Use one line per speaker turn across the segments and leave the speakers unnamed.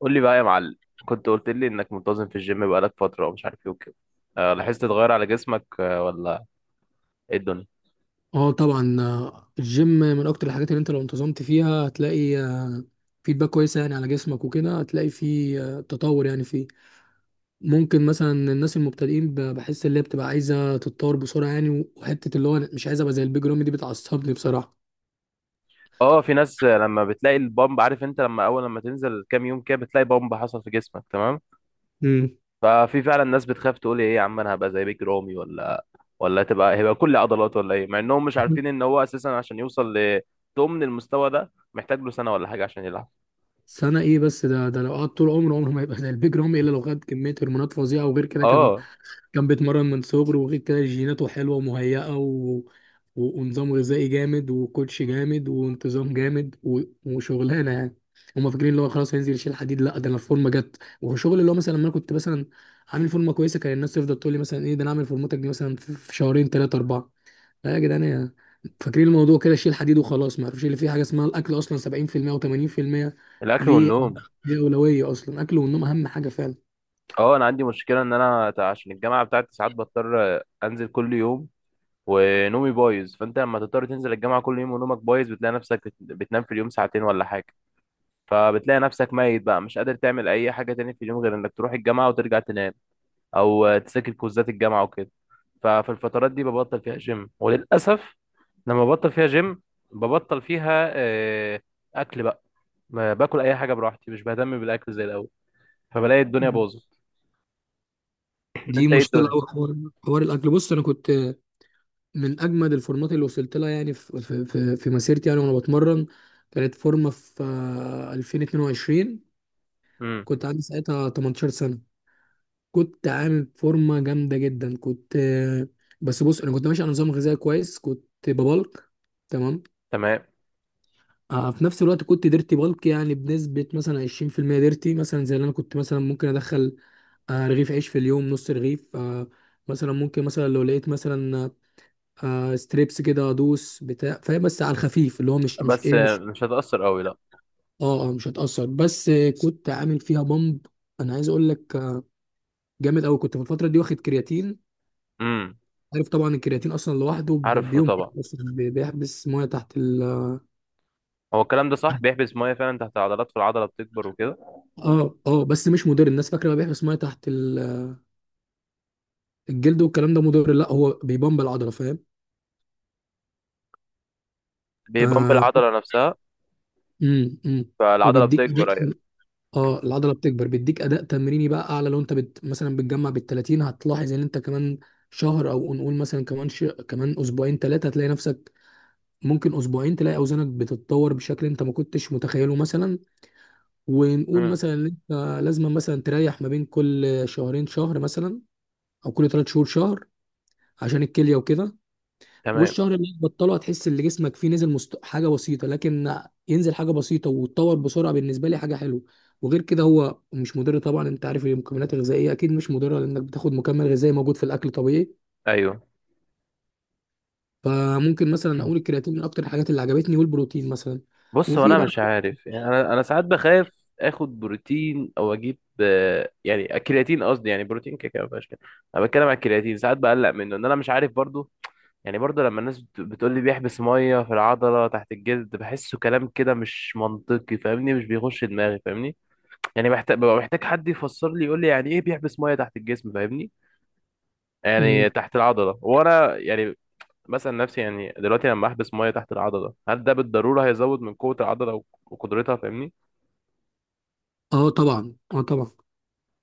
قول لي بقى يا معلم. كنت قلت لي انك منتظم في الجيم بقالك فترة ومش عارف ايه وكده. أه، لاحظت تغير على جسمك؟ أه ولا ايه الدنيا؟
اه طبعا، الجيم من اكتر الحاجات اللي انت لو انتظمت فيها هتلاقي فيدباك كويسه، يعني على جسمك وكده هتلاقي فيه تطور. يعني فيه ممكن مثلا الناس المبتدئين بحس اللي هي بتبقى عايزه تتطور بسرعه، يعني وحته اللي هو أنا مش عايز ابقى زي البيج رامي دي، بتعصبني بصراحه.
اه، في ناس لما بتلاقي البامب، عارف انت لما اول لما تنزل كام يوم كده بتلاقي بامب حصل في جسمك. تمام.
امم
ففي فعلا ناس بتخاف تقول ايه يا عم انا هبقى زي بيج رامي؟ ولا ولا هيبقى كل عضلات ولا ايه؟ مع انهم مش عارفين ان هو اساسا عشان يوصل لضمن المستوى ده محتاج له سنة ولا حاجة عشان يلعب.
سنه. ايه بس ده لو قعد طول عمره، عمره ما يبقى زي البيج رامي، الا لو خد كميه هرمونات فظيعه، وغير كده كان
اه،
كان بيتمرن من صغره، وغير كده جيناته حلوة ومهيئة ونظام غذائي جامد وكوتش جامد وانتظام جامد وشغلانة يعني. هما فاكرين اللي هو خلاص هينزل يشيل حديد، لا ده انا الفورمة جت وشغل، اللي هو مثلا لما انا كنت مثلا عامل فورمة كويسة كان الناس تفضل تقول لي مثلا: ايه ده، انا عامل فورمتك دي مثلا في في شهرين ثلاثة أربعة لا يا جدعان يا- فاكرين الموضوع كده شيل حديد وخلاص ما يعرفوش اللي فيه حاجة اسمها الأكل أصلا 70% و80%
الاكل
ليه
والنوم.
ليه أولوية أصلا أكل والنوم أهم حاجة فعلا
اه، انا عندي مشكلة ان انا عشان الجامعة بتاعتي ساعات بضطر انزل كل يوم ونومي بايظ. فانت لما تضطر تنزل الجامعه كل يوم ونومك بايظ بتلاقي نفسك بتنام في اليوم ساعتين ولا حاجه. فبتلاقي نفسك ميت بقى مش قادر تعمل اي حاجه تاني في اليوم غير انك تروح الجامعه وترجع تنام، او تذاكر كوزات الجامعه وكده. ففي الفترات دي ببطل فيها جيم وللاسف. لما ببطل فيها جيم ببطل فيها اكل بقى. ما باكل اي حاجه براحتي، مش بهتم بالاكل زي الاول، فبلاقي الدنيا باظت.
دي
انت ايه
مشكله
الدنيا؟
قوي حوار حوار الاكل بص انا كنت من اجمد الفورمات اللي وصلت لها يعني في في في, في مسيرتي، يعني وانا بتمرن. كانت فورمه في 2022،
امم.
كنت عندي ساعتها 18 سنه، كنت عامل فورمه جامده جدا. كنت بس بص، انا كنت ماشي على نظام غذائي كويس، كنت ببلك. تمام.
تمام.
في نفس الوقت كنت ديرتي بالك، يعني بنسبة مثلا 20%، ديرتي مثلا زي اللي أنا كنت مثلا ممكن أدخل رغيف عيش في اليوم، نص رغيف مثلا. ممكن مثلا لو لقيت مثلا ستريبس كده ادوس، بتاع فاهم، بس على الخفيف، اللي هو مش مش
بس
ايه مش
مش هتاثر قوي، لا.
اه آه، مش هتأثر. بس كنت عامل فيها بامب. انا عايز اقول لك جامد قوي، كنت في الفترة دي واخد كرياتين.
امم.
عارف طبعا الكرياتين اصلا لوحده
عارفه
بينفخ
طبعا.
أصلاً، بيحبس ميه تحت ال.
هو الكلام ده صح، بيحبس ميه فعلا تحت العضلات فالعضله بتكبر وكده.
اه اه، بس مش مضر، الناس فاكره بقى بيحبس ميه تحت الجلد والكلام ده مضر. لا، هو بيبمب العضله، فاهم.
بيبمب
آه
العضله نفسها.
امم امم
فالعضله
وبيديك
بتكبر، ايوه.
اه العضله بتكبر، بيديك اداء تمريني بقى اعلى، لو انت مثلا بتجمع بال 30 هتلاحظ ان انت كمان شهر، او نقول مثلا كمان كمان اسبوعين ثلاثه هتلاقي نفسك. ممكن اسبوعين تلاقي اوزانك بتتطور بشكل انت ما كنتش متخيله مثلا. ونقول
امم.
مثلا ان انت لازم مثلا تريح ما بين كل شهرين شهر مثلا، او كل ثلاث شهور شهر، عشان الكليه وكده.
تمام.
والشهر اللي هتبطله هتحس ان جسمك فيه نزل حاجه بسيطه، لكن ينزل حاجه بسيطه وتتطور بسرعه، بالنسبه لي حاجه حلوه. وغير كده هو مش مضر طبعا، انت عارف المكملات الغذائيه اكيد مش مضره، لانك بتاخد مكمل غذائي موجود في الاكل طبيعي.
ايوه.
فممكن مثلا اقول الكرياتين من اكتر الحاجات اللي عجبتني، والبروتين مثلا.
بص، هو
وفي
انا
بقى.
مش عارف يعني. انا ساعات بخاف اخد بروتين او اجيب يعني الكرياتين، قصدي، يعني بروتين كده كده ما فيهاش كده. انا بتكلم على الكرياتين، ساعات بقلق منه ان انا مش عارف برضو. يعني برضو لما الناس بتقول لي بيحبس ميه في العضله تحت الجلد، بحسه كلام كده مش منطقي، فاهمني؟ مش بيخش دماغي، فاهمني؟ يعني محتاج، ببقى محتاج حد يفسر لي يقول لي يعني ايه بيحبس ميه تحت الجسم، فاهمني؟ يعني
مم.
تحت العضلة. وانا يعني مثلا نفسي يعني دلوقتي لما احبس مية تحت العضلة هل ده بالضرورة هيزود من قوة العضلة وقدرتها، فاهمني؟
اه طبعا، اه طبعا.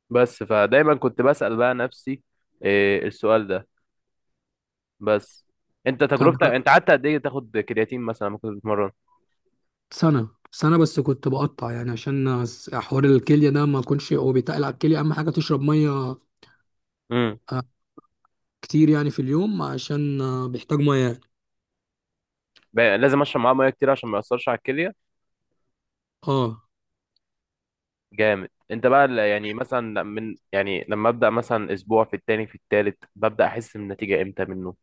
بس فدايما كنت بسأل بقى نفسي إيه السؤال ده. بس انت
طب
تجربتك انت قعدت قد ايه تاخد كرياتين مثلا لما كنت بتتمرن؟
سنه سنه بس كنت بقطع، يعني عشان حوار الكليه ده. ما كنتش، هو بيتقل على الكليه، اهم حاجه تشرب ميه
امم.
آه، كتير يعني في اليوم، عشان بيحتاج ميه.
لازم اشرب معاه ميه كتير عشان ما ياثرش على الكليه.
اه
جامد. انت بقى يعني مثلا من يعني لما ابدا مثلا اسبوع، في التاني، في التالت، ببدا احس بالنتيجه امتى منه؟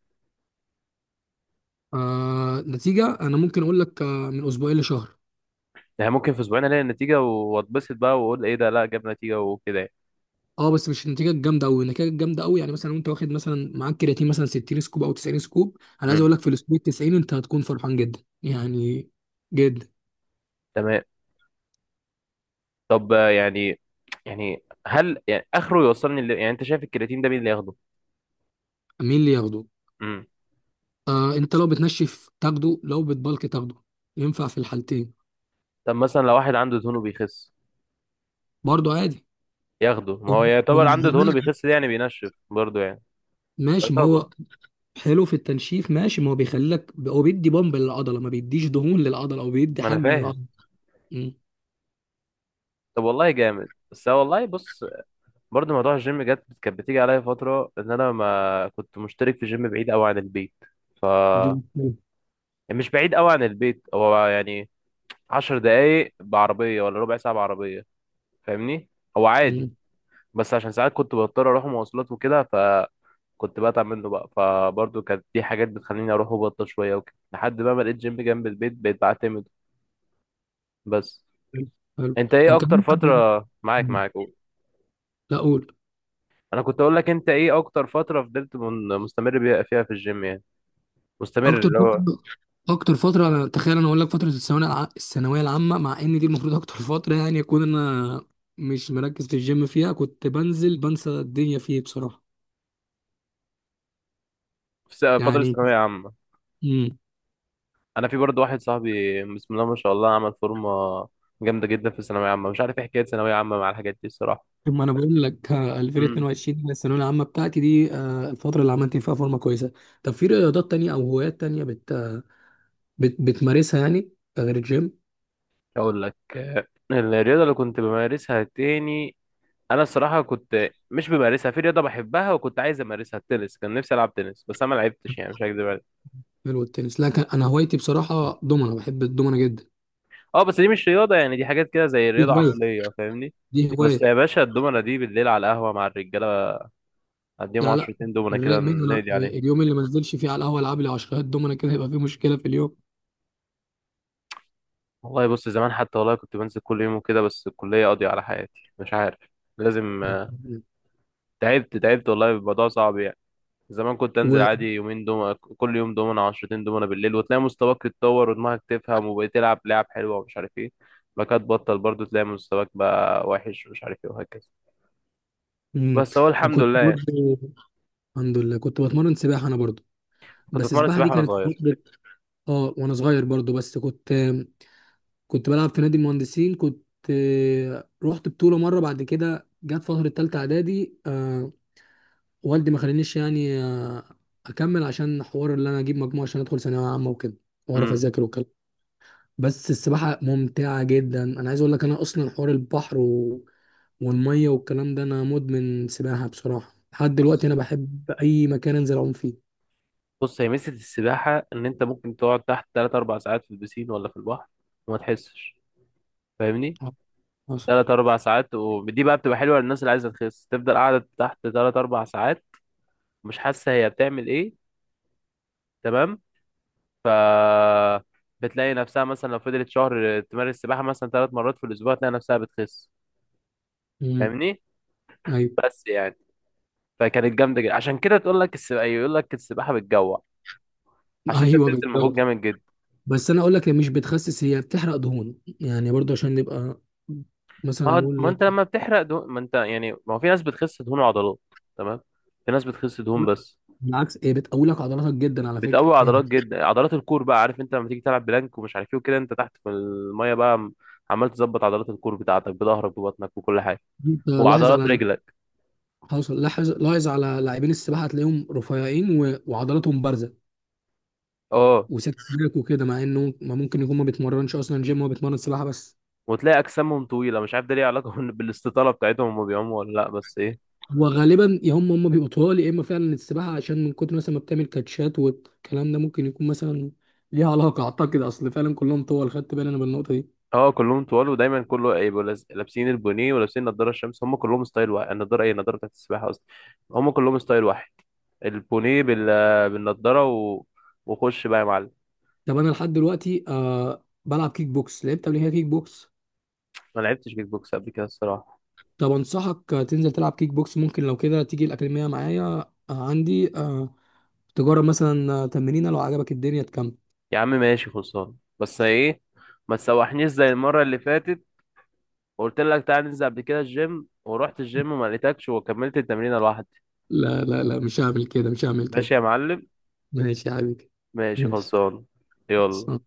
نتيجه انا ممكن اقول لك من اسبوعين لشهر.
يعني ممكن في اسبوعين الاقي النتيجه واتبسط بقى واقول ايه ده، لا جاب نتيجه وكده يعني.
اه بس مش النتيجه الجامده قوي، النتيجه الجامده قوي يعني مثلا، وانت واخد مثلا معاك كرياتين مثلا 60 سكوب او 90 سكوب، انا عايز
امم.
اقول لك في الاسبوع 90 انت هتكون فرحان جدا، يعني جدا.
تمام. طب يعني، يعني هل يعني اخره يوصلني؟ اللي يعني انت شايف الكرياتين ده مين اللي ياخده؟
مين اللي ياخده؟
امم.
آه انت لو بتنشف تاخده، لو بتبلك تاخده، ينفع في الحالتين.
طب مثلا لو واحد عنده دهونه بيخس
برضه عادي.
ياخده؟
هو
ما هو
هو
يعتبر،
مش
عنده دهونه
بيقول-
بيخس ده يعني بينشف برضه يعني،
ماشي، ما
يعتبر.
هو حلو في التنشيف، ماشي، ما هو بيخليك، هو بيدي بامب للعضله، ما بيديش دهون للعضله او بيدي
ما انا
حجم
فاهم.
للعضله. مم.
طب والله جامد. بس هو والله بص، برضه موضوع الجيم جت، كانت بتيجي عليا فتره ان انا ما كنت مشترك في جيم بعيد قوي عن البيت.
دي
يعني مش بعيد قوي عن البيت، هو يعني 10 دقايق بعربيه ولا ربع ساعه بعربيه، فاهمني؟ هو عادي.
مم.
بس عشان ساعات كنت بضطر اروح مواصلات وكده فكنت بتعب منه بقى. فبرضه كانت دي حاجات بتخليني اروح وبطل شويه وكده لحد بقى ما لقيت جيم جنب البيت بقيت بعتمد. بس
حلو. حلو.
انت ايه
طب
اكتر
كمان أنا-
فتره معاك
مم.
معاك قول.
لا اقول.
انا كنت اقول لك انت ايه اكتر فتره فضلت مستمر بيها فيها في الجيم يعني، مستمر
اكتر
اللي
فتره،
هو.
اكتر فتره انا تخيل انا اقول لك فتره الثانويه، الثانويه العامه، مع ان دي المفروض اكتر فتره يعني اكون انا مش مركز في الجيم، فيها كنت بنزل بنسى الدنيا فيه بصراحه
في فتره
يعني.
الثانويه عامه
امم،
انا، في برضه واحد صاحبي بسم الله ما شاء الله عمل فورمه جامده جدا في الثانويه عامه. مش عارف ايه حكايه ثانويه عامه مع الحاجات دي الصراحه.
ما انا بقول لك 2022 دي الثانويه العامه بتاعتي، دي الفتره اللي عملت فيها فورمه كويسه. طب في رياضات تانية او هوايات تانية بتمارسها يعني غير الجيم؟
اقول لك الرياضه اللي كنت بمارسها تاني، انا الصراحه كنت مش بمارسها. في رياضه بحبها وكنت عايز امارسها، التنس، كان نفسي العب تنس بس انا ما لعبتش، يعني مش هكدب عليك.
غير التنس، لا. انا هوايتي بصراحه دومنه، بحب الدومنه جدا.
اه بس دي مش رياضه يعني، دي حاجات كده زي
دي
رياضه
هوايه،
عقليه، فاهمني؟
دي هوايه.
بس يا باشا الدومنه دي بالليل على القهوه مع الرجاله، اديهم
لا لا،
عشرتين دومنه
الرايق
كده
منه انا
نقضي عليهم.
اليوم اللي ما انزلش فيه على القهوه العب لي 10 دومنا كده، يبقى فيه مشكله في اليوم.
والله بص، زمان حتى والله كنت بنزل كل يوم وكده بس الكليه قاضيه على حياتي، مش عارف. لازم تعبت، تعبت والله، الموضوع صعب يعني. زمان كنت انزل
و...
عادي يومين دومنا، كل يوم دومنا، عشرتين دومنا بالليل وتلاقي مستواك يتطور ودماغك تفهم وبقيت تلعب لعب حلوه ومش عارف ايه. بعد كده تبطل برضه تلاقي مستواك بقى وحش ومش عارف ايه وهكذا.
مم.
بس هو الحمد
وكنت
لله يعني.
برضه، الحمد لله، كنت بتمرن سباحه انا برضه.
كنت
بس
اتمرن
السباحه دي
سباحه وانا
كانت في
صغير.
فتره، اه وانا صغير برضه. بس كنت بلعب في نادي المهندسين، كنت رحت بطوله مره. بعد كده جت فتره تالته اعدادي، والدي ما خلانيش يعني اكمل، عشان حوار اللي انا اجيب مجموعه عشان ادخل ثانويه عامه وكده واعرف
امم.
اذاكر وكده. بس السباحة ممتعة جدا، أنا عايز أقول لك أنا أصلا حوار البحر و... والمية والكلام ده، أنا مدمن سباحة بصراحة لحد
بص،
دلوقتي، أنا بحب أي مكان أنزل أعوم فيه.
بص، هي ميزه السباحه ان انت ممكن تقعد تحت 3 4 ساعات في البسين ولا في البحر وما تحسش، فاهمني؟
آه، حصل.
3 4 ساعات، ودي بقى بتبقى حلوه للناس اللي عايزه تخس تفضل قاعده تحت 3 4 ساعات مش حاسه هي بتعمل ايه. تمام. ف بتلاقي نفسها مثلا لو فضلت شهر تمارس سباحة مثلا ثلاث مرات في الأسبوع تلاقي نفسها بتخس،
امم.
فاهمني؟
أيوه.
بس يعني فكانت جامدة جدا. عشان كده تقول لك السباحة، يقول لك السباحة بتجوع عشان أنت
أيوه
بتبذل مجهود
بالظبط،
جامد جدا.
بس أنا أقول لك هي مش بتخسس، هي بتحرق دهون، يعني برضه عشان نبقى مثلا
ما
نقول
ما
لك.
أنت لما بتحرق دهون، ما أنت يعني، ما هو في ناس بتخس دهون وعضلات، تمام، في ناس بتخس دهون
لا
بس.
بالعكس، هي بتقوي لك عضلاتك جدا على فكرة
بتقوي عضلات
يعني.
جدا، عضلات الكور بقى. عارف أنت لما تيجي تلعب بلانك ومش عارف إيه وكده؟ أنت تحت في المية بقى عمال تظبط عضلات الكور بتاعتك بظهرك، ببطنك، وكل حاجة
أنت لاحظ
وعضلات
على،
رجلك.
حصل، لاحظ لاحظ على لاعبين السباحة هتلاقيهم رفيعين و... وعضلاتهم بارزة،
اه.
وساكت هناك وكده، مع انه ما ممكن يكون ما بيتمرنش اصلا جيم، هو بيتمرن سباحه بس.
وتلاقي اجسامهم طويله، مش عارف ده ليه علاقه بالاستطاله بتاعتهم، هما بيعوموا ولا لا؟ بس ايه.
هو غالبا يا هم بيبقوا طوال، يا اما فعلا السباحه عشان من كتر مثلا ما بتعمل كاتشات والكلام ده، ممكن يكون مثلا ليها علاقه، اعتقد. اصل فعلا كلهم طوال، خدت بالي انا بالنقطه دي.
اه، كلهم طوال ودايما كله يبقوا لابسين البونيه ولابسين نضاره الشمس، هم كلهم ستايل واحد. النضاره، ايه النضاره بتاعت السباحه اصلا؟ هم كلهم ستايل واحد، البونيه بال... بالنضاره و... وخش بقى يا معلم.
طب انا لحد دلوقتي بلعب كيك بوكس، لعبت قبل كده كيك بوكس.
ما لعبتش كيك بوكس قبل كده الصراحه.
طب انصحك تنزل تلعب كيك بوكس، ممكن لو كده تيجي الاكاديميه معايا، آه عندي آه تجرب مثلا تمرينه، لو عجبك الدنيا تكمل.
يا عم ماشي، خلصان. بس ايه، ما تسوحنيش زي المره اللي فاتت وقلت لك تعالى ننزل قبل كده الجيم ورحت الجيم وما لقيتكش وكملت التمرين لوحدي.
لا لا لا مش هعمل كده، مش هعمل كده.
ماشي يا معلم.
ماشي يا حبيبي.
ماشي
ماشي.
خلصان. يلا.
بس